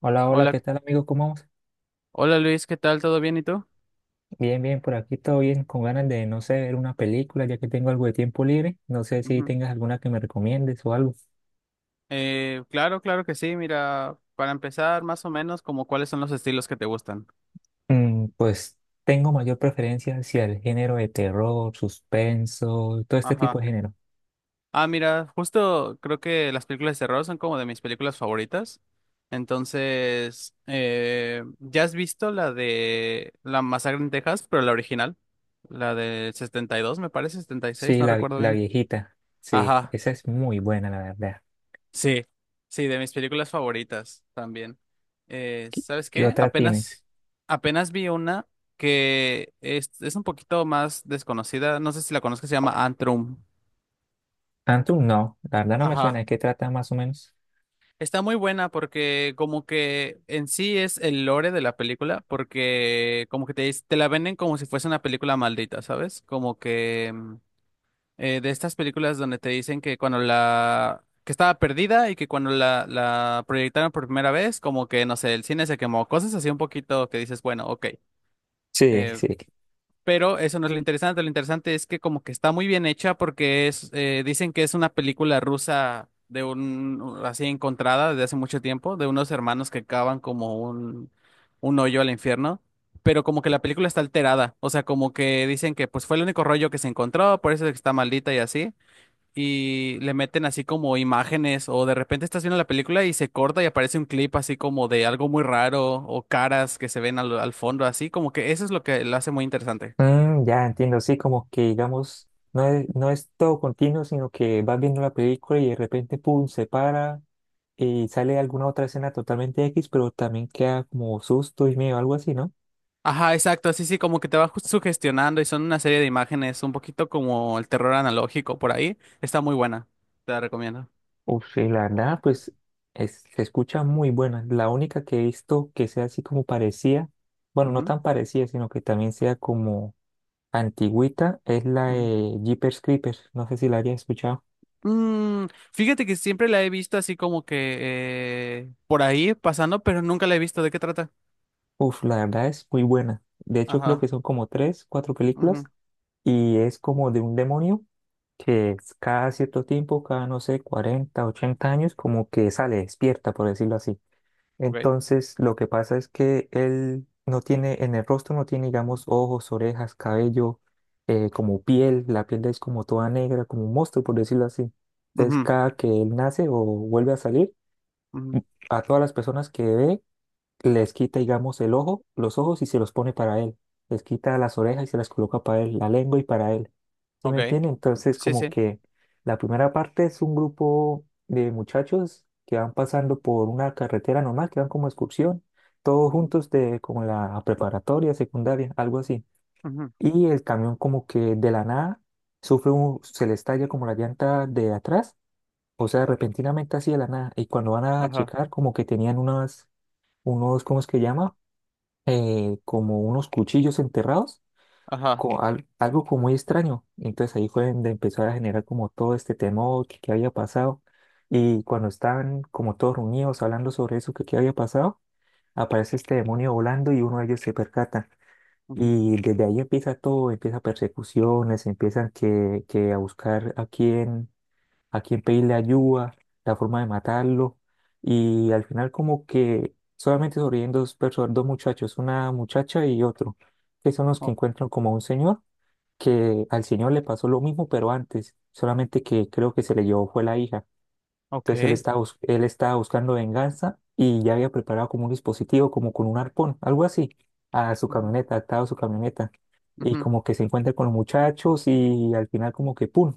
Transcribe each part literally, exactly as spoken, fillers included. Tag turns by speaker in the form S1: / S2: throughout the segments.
S1: Hola, hola, ¿qué
S2: Hola,
S1: tal, amigo? ¿Cómo vamos?
S2: hola Luis, ¿qué tal? ¿Todo bien y tú?
S1: Bien, bien, por aquí todo bien, con ganas de, no sé, ver una película, ya que tengo algo de tiempo libre. No sé si
S2: Ujú.
S1: tengas alguna que me recomiendes o algo.
S2: Eh, claro, claro que sí. Mira, para empezar, más o menos, como cuáles son los estilos que te gustan.
S1: Mm, pues tengo mayor preferencia hacia el género de terror, suspenso, todo este tipo
S2: Ajá.
S1: de género.
S2: Ah, mira, justo creo que las películas de terror son como de mis películas favoritas. Entonces, eh, ¿ya has visto la de La Masacre en Texas, pero la original? La del setenta y dos, me parece, setenta y seis,
S1: Sí,
S2: no
S1: la,
S2: recuerdo
S1: la
S2: bien.
S1: viejita, sí,
S2: Ajá.
S1: esa es muy buena, la verdad.
S2: Sí, sí, de mis películas favoritas también. Eh, ¿sabes
S1: ¿Qué
S2: qué?
S1: otra tienes?
S2: Apenas, apenas vi una que es, es un poquito más desconocida, no sé si la conozco, se llama Antrum.
S1: Antum, no, la verdad no me suena.
S2: Ajá.
S1: ¿De qué trata más o menos?
S2: Está muy buena porque como que en sí es el lore de la película, porque como que te, dis- te la venden como si fuese una película maldita, ¿sabes? Como que eh, de estas películas donde te dicen que cuando la... que estaba perdida y que cuando la, la proyectaron por primera vez, como que, no sé, el cine se quemó, cosas así un poquito que dices, bueno, ok,
S1: Sí,
S2: eh,
S1: sí.
S2: pero eso no es lo interesante, lo interesante es que como que está muy bien hecha porque es, eh, dicen que es una película rusa de un, así encontrada desde hace mucho tiempo, de unos hermanos que cavan como un, un hoyo al infierno, pero como que la película está alterada, o sea, como que dicen que pues fue el único rollo que se encontró, por eso es que está maldita y así, y le meten así como imágenes o de repente estás viendo la película y se corta y aparece un clip así como de algo muy raro o caras que se ven al, al fondo así, como que eso es lo que lo hace muy interesante.
S1: Mm, ya entiendo, sí, como que digamos, no es, no es todo continuo, sino que vas viendo la película y de repente, pum, se para y sale alguna otra escena totalmente X, pero también queda como susto y miedo, algo así, ¿no?
S2: Ajá, exacto, sí, sí, como que te va ju- sugestionando y son una serie de imágenes, un poquito como el terror analógico por ahí, está muy buena, te la recomiendo.
S1: Uf, sí, la verdad, pues es- se escucha muy buena. La única que he visto que sea así como parecía, bueno, no
S2: Ujú,
S1: tan parecida, sino que también sea como antigüita, es la
S2: ujú.
S1: de Jeepers Creepers. No sé si la hayas escuchado.
S2: Mm, fíjate que siempre la he visto así como que eh, por ahí pasando, pero nunca la he visto. ¿De qué trata?
S1: Uf, la verdad es muy buena. De hecho, creo
S2: Ajá.
S1: que son como tres, cuatro películas
S2: Ujú.
S1: y es como de un demonio que es cada cierto tiempo, cada no sé, cuarenta ochenta años, como que sale, despierta, por decirlo así.
S2: Ok.
S1: Entonces, lo que pasa es que él no tiene, en el rostro no tiene, digamos, ojos, orejas, cabello, eh, como piel, la piel es como toda negra, como un monstruo, por decirlo así. Entonces,
S2: Ujú,
S1: cada que él nace o vuelve a salir,
S2: ujú.
S1: a todas las personas que ve, les quita, digamos, el ojo, los ojos y se los pone para él. Les quita las orejas y se las coloca para él, la lengua y para él. ¿Sí me
S2: Ok.
S1: entiende? Entonces,
S2: Sí,
S1: como
S2: sí.
S1: que la primera parte es un grupo de muchachos que van pasando por una carretera normal, que van como excursión, todos
S2: Ujú,
S1: juntos de como la preparatoria, secundaria, algo así.
S2: ujú.
S1: Y el camión como que de la nada sufre un, se le estalla como la llanta de atrás, o sea, repentinamente así de la nada. Y cuando van a
S2: Ajá,
S1: checar, como que tenían unas, unos, ¿cómo es que llama? eh, como unos cuchillos enterrados,
S2: ajá.
S1: co- al- algo como muy extraño. Entonces ahí fue donde empezó a generar como todo este temor que, que había pasado. Y cuando estaban como todos reunidos hablando sobre eso que, que había pasado, aparece este demonio volando y uno de ellos se percata.
S2: Ujú.
S1: Y desde ahí empieza todo, empieza persecuciones, empiezan que, que a buscar a quién a quién pedirle ayuda, la forma de matarlo. Y al final como que solamente sobreviven dos personas, dos muchachos, una muchacha y otro, que son los que
S2: O-
S1: encuentran como a un señor, que al señor le pasó lo mismo, pero antes, solamente que creo que se le llevó fue la hija. Entonces él
S2: ok.
S1: estaba, bus- él estaba buscando venganza y ya había preparado como un dispositivo, como con un arpón, algo así, a su
S2: Ujú,
S1: camioneta, atado a su camioneta. Y
S2: ujú.
S1: como que se encuentra con los muchachos y al final como que ¡pum!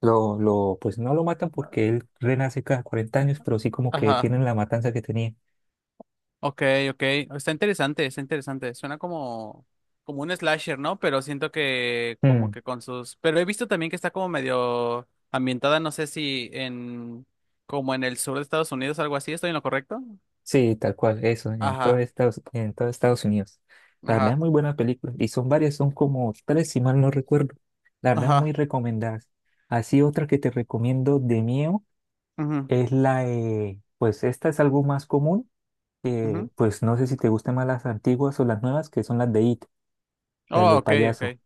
S1: Lo, lo, pues no lo matan porque él renace cada cuarenta años, pero sí como que
S2: Ajá.
S1: tienen la matanza que tenía.
S2: Ok, ok. Está interesante, está interesante. Suena como, como un slasher, ¿no? Pero siento que como
S1: Mm,
S2: que con sus... Pero he visto también que está como medio ambientada, no sé si en... como en el sur de Estados Unidos, algo así. ¿Estoy en lo correcto?
S1: sí, tal cual, eso, en todo
S2: Ajá,
S1: Estados, en todo Estados Unidos. La verdad,
S2: ajá,
S1: muy buena película. Y son varias, son como tres, si mal no recuerdo. La verdad, muy
S2: ajá.
S1: recomendadas. Así otra que te recomiendo de miedo
S2: Ujú,
S1: es la de, pues esta es algo más común,
S2: ujú.
S1: que pues no sé si te gustan más las antiguas o las nuevas, que son las de It, las
S2: Oh,
S1: del
S2: ok, ok.
S1: payaso.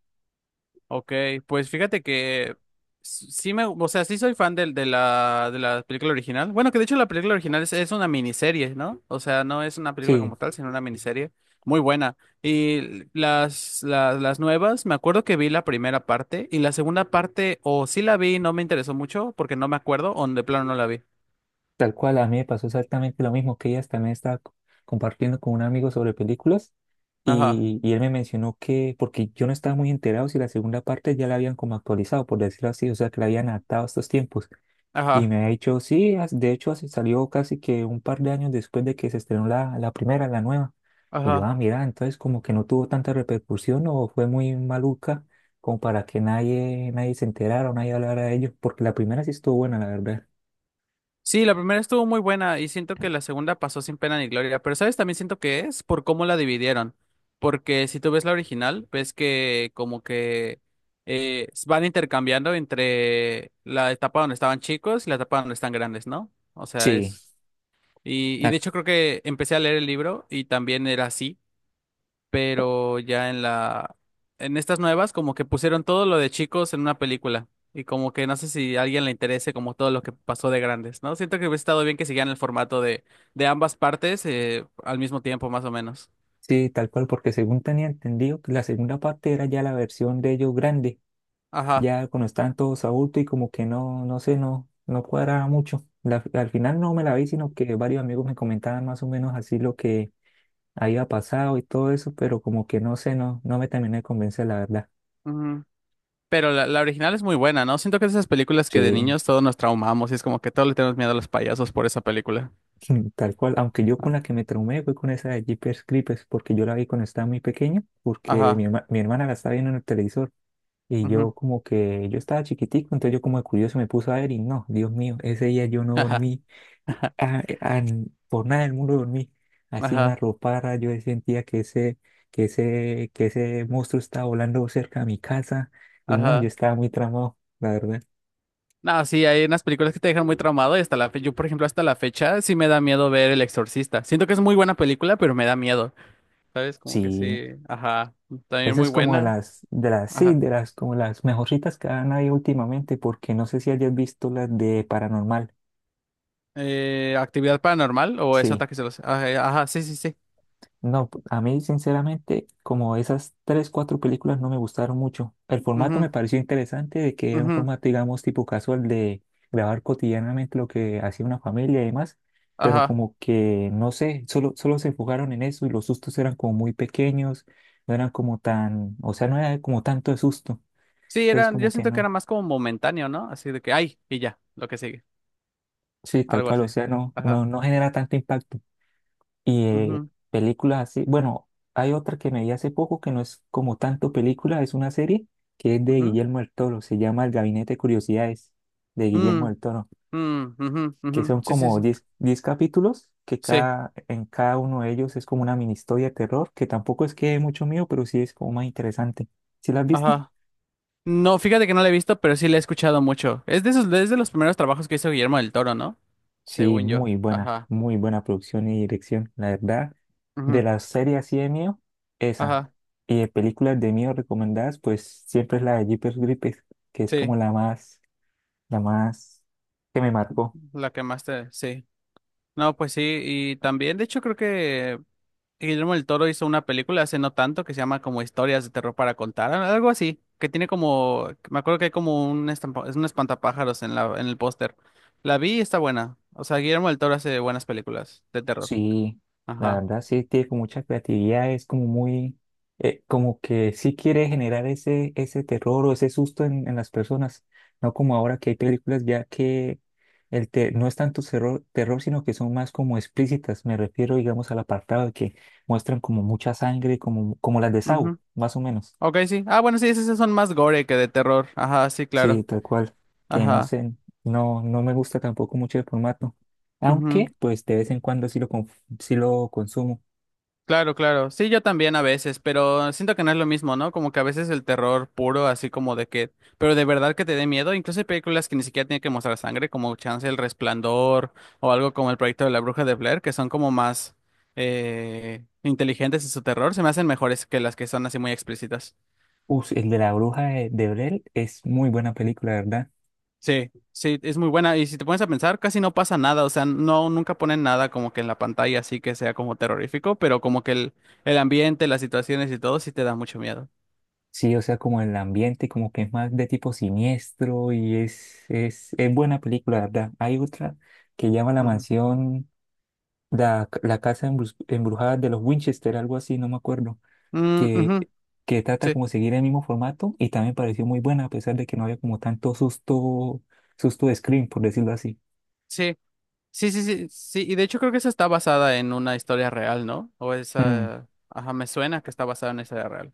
S2: Ok, pues fíjate que s- sí me, o sea, sí soy fan del- de, la, de la película original. Bueno, que de hecho la película original es, es una miniserie, ¿no? O sea, no es una película
S1: Sí,
S2: como tal, sino una miniserie muy buena. Y las, las, las nuevas, me acuerdo que vi la primera parte y la segunda parte, o sí la vi, y no me interesó mucho porque no me acuerdo, o de plano no la vi.
S1: tal cual, a mí me pasó exactamente lo mismo que ella también estaba co- compartiendo con un amigo sobre películas
S2: Ajá,
S1: y, y él me mencionó que, porque yo no estaba muy enterado si la segunda parte ya la habían como actualizado, por decirlo así, o sea, que la habían adaptado a estos tiempos. Y
S2: ajá,
S1: me ha dicho, sí, as- de hecho así salió casi que un par de años después de que se estrenó la, la primera, la nueva. Y yo,
S2: ajá.
S1: ah, mira, entonces como que no tuvo tanta repercusión o fue muy maluca como para que nadie, nadie se enterara o nadie hablara de ello, porque la primera sí estuvo buena, la verdad.
S2: Sí, la primera estuvo muy buena y siento que la segunda pasó sin pena ni gloria, pero ¿sabes? También siento que es por cómo la dividieron, porque si tú ves la original, ves que como que eh, van intercambiando entre la etapa donde estaban chicos y la etapa donde están grandes, ¿no? O sea,
S1: Sí,
S2: es... Y, y de hecho creo que empecé a leer el libro y también era así, pero ya en la, en estas nuevas como que pusieron todo lo de chicos en una película, y como que no sé si a alguien le interese como todo lo que pasó de grandes, ¿no? Siento que hubiera estado bien que siguieran el formato de, de ambas partes, eh, al mismo tiempo más o menos.
S1: sí, tal cual, porque según tenía entendido que la segunda parte era ya la versión de ellos grande,
S2: Ajá.
S1: ya cuando estaban todos adultos y como que no, no sé, no, no cuadraba mucho. La- al final no me la vi, sino que varios amigos me comentaban más o menos así lo que había pasado y todo eso, pero como que no sé, no, no me terminé de convencer, la verdad.
S2: Ujú. Pero la, la original es muy buena, ¿no? Siento que es esas películas que de
S1: Sí,
S2: niños todos nos traumamos y es como que todos le tenemos miedo a los payasos por esa película.
S1: tal cual, aunque yo con la que me traumé fue con esa de Jeepers Creepers, porque yo la vi cuando estaba muy pequeño, porque mi,
S2: Ajá.
S1: herma- mi hermana la estaba viendo en el televisor. Y
S2: Ujú.
S1: yo como que, yo estaba chiquitico, entonces yo como de curioso me puse a ver y no, Dios mío, ese día yo no
S2: Ajá.
S1: dormí, ah, eh, ah, n- por nada del mundo dormí, así me
S2: Ajá.
S1: arropara, yo sentía que ese, que ese, que ese monstruo estaba volando cerca de mi casa y no, yo
S2: Ajá.
S1: estaba muy tramado, la verdad.
S2: No, sí, hay unas películas que te dejan muy traumado y hasta la fecha, yo por ejemplo hasta la fecha sí me da miedo ver El Exorcista. Siento que es muy buena película, pero me da miedo. ¿Sabes? Como que
S1: Sí,
S2: sí, ajá, también
S1: esa
S2: muy
S1: es como de
S2: buena.
S1: las, de las, sí,
S2: Ajá.
S1: de las, como las mejorcitas que han habido últimamente, porque no sé si hayas visto las de Paranormal,
S2: Eh, ¿Actividad paranormal o es
S1: sí.
S2: ataque celoso? Ajá, ajá, sí, sí, sí.
S1: No, p- a mí sinceramente, como esas tres, cuatro películas no me gustaron mucho. El formato me
S2: Ujú,
S1: pareció interesante de que era un
S2: ujú,
S1: formato, digamos, tipo casual de grabar cotidianamente lo que hacía una familia y demás, pero
S2: ajá.
S1: como que, no sé, solo, solo se enfocaron en eso y los sustos eran como muy pequeños, no eran como tan, o sea, no era como tanto de susto.
S2: Sí,
S1: Entonces
S2: eran, yo
S1: como que
S2: siento que era
S1: no,
S2: más como momentáneo, ¿no? Así de que, ay, y ya, lo que sigue,
S1: sí, tal
S2: algo
S1: cual,
S2: así.
S1: o sea, no, no,
S2: Ajá.
S1: no genera tanto impacto. Y
S2: Ujú,
S1: películas así, bueno, hay otra que me vi hace poco que no es como tanto película, es una serie que es de
S2: ujú.
S1: Guillermo del Toro, se llama El Gabinete de Curiosidades de Guillermo
S2: Mm,
S1: del Toro,
S2: mm, ujú, ujú.
S1: que son
S2: Sí, sí,
S1: como
S2: sí.
S1: diez diez capítulos, que
S2: Sí,
S1: cada, en cada uno de ellos es como una mini historia de terror, que tampoco es que dé mucho miedo, pero sí es como más interesante. ¿Sí la has visto?
S2: ajá. No, fíjate que no la he visto, pero sí la he escuchado mucho. Es de esos, es de los primeros trabajos que hizo Guillermo del Toro, ¿no?
S1: Sí,
S2: Según yo.
S1: muy buena,
S2: Ajá.
S1: muy buena producción y dirección, la verdad. De
S2: Ujú.
S1: las series así de mío, esa.
S2: Ajá.
S1: Y de películas de mío recomendadas, pues siempre es la de Jeepers Creepers, que es como
S2: Sí.
S1: la más, la más que me marcó.
S2: La que más te. Sí. No, pues sí. Y también, de hecho, creo que Guillermo del Toro hizo una película hace no tanto que se llama como Historias de terror para contar, al- algo así. Que tiene como. Me acuerdo que hay como un, estampa- es un espantapájaros en la, en el póster. La vi y está buena. O sea, Guillermo del Toro hace buenas películas de terror.
S1: Sí, la
S2: Ajá.
S1: verdad sí tiene como mucha creatividad, es como muy, eh, como que sí quiere generar ese, ese terror o ese susto en, en las personas, no como ahora que hay películas ya que el te- no es tanto terror, terror, sino que son más como explícitas, me refiero digamos al apartado de que muestran como mucha sangre, como, como las de Saw, más o menos.
S2: Ok, sí. Ah, bueno, sí, esos sí son más gore que de terror. Ajá, sí,
S1: Sí,
S2: claro.
S1: tal cual, que no
S2: Ajá.
S1: sé, no, no me gusta tampoco mucho el formato,
S2: Ujú.
S1: aunque pues de vez en cuando sí lo, conf- sí lo consumo.
S2: Claro, claro. Sí, yo también a veces, pero siento que no es lo mismo, ¿no? Como que a veces el terror puro, así como de que, pero de verdad que te dé miedo. Incluso hay películas que ni siquiera tienen que mostrar sangre, como Chance el Resplandor o algo como el proyecto de la Bruja de Blair, que son como más eh, inteligentes en su terror. Se me hacen mejores que las que son así muy explícitas.
S1: Uf, el de la bruja de, de Blair es muy buena película, ¿verdad?
S2: Sí, sí, es muy buena. Y si te pones a pensar, casi no pasa nada. O sea, no, nunca ponen nada como que en la pantalla así que sea como terrorífico, pero como que el, el ambiente, las situaciones y todo sí te da mucho miedo.
S1: Sí, o sea, como el ambiente, como que es más de tipo siniestro y es, es, es buena película, ¿verdad? Hay otra que llama La
S2: Ujú.
S1: Mansión, la, la Casa Embrus- Embrujada de los Winchester, algo así, no me acuerdo,
S2: Mm,
S1: que,
S2: ujú.
S1: que trata
S2: Sí,
S1: como seguir el mismo formato y también pareció muy buena, a pesar de que no había como tanto susto, susto de screen, por decirlo así.
S2: sí, sí, sí, sí, sí. Y de hecho creo que esa está basada en una historia real, ¿no? O
S1: Mm.
S2: esa, ajá, me suena que está basada en esa historia real.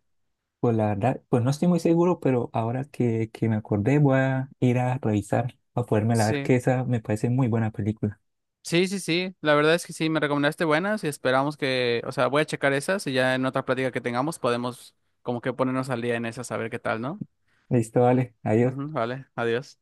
S1: Pues la verdad, pues no estoy muy seguro, pero ahora que, que me acordé voy a ir a revisar para podérmela ver
S2: Sí,
S1: que esa me parece muy buena película.
S2: sí, sí, sí. La verdad es que sí, me recomendaste buenas y esperamos que, o sea, voy a checar esas y ya en otra plática que tengamos podemos como que ponernos al día en esas a ver qué tal, ¿no?
S1: Listo, vale, adiós.
S2: Ujú, vale, adiós.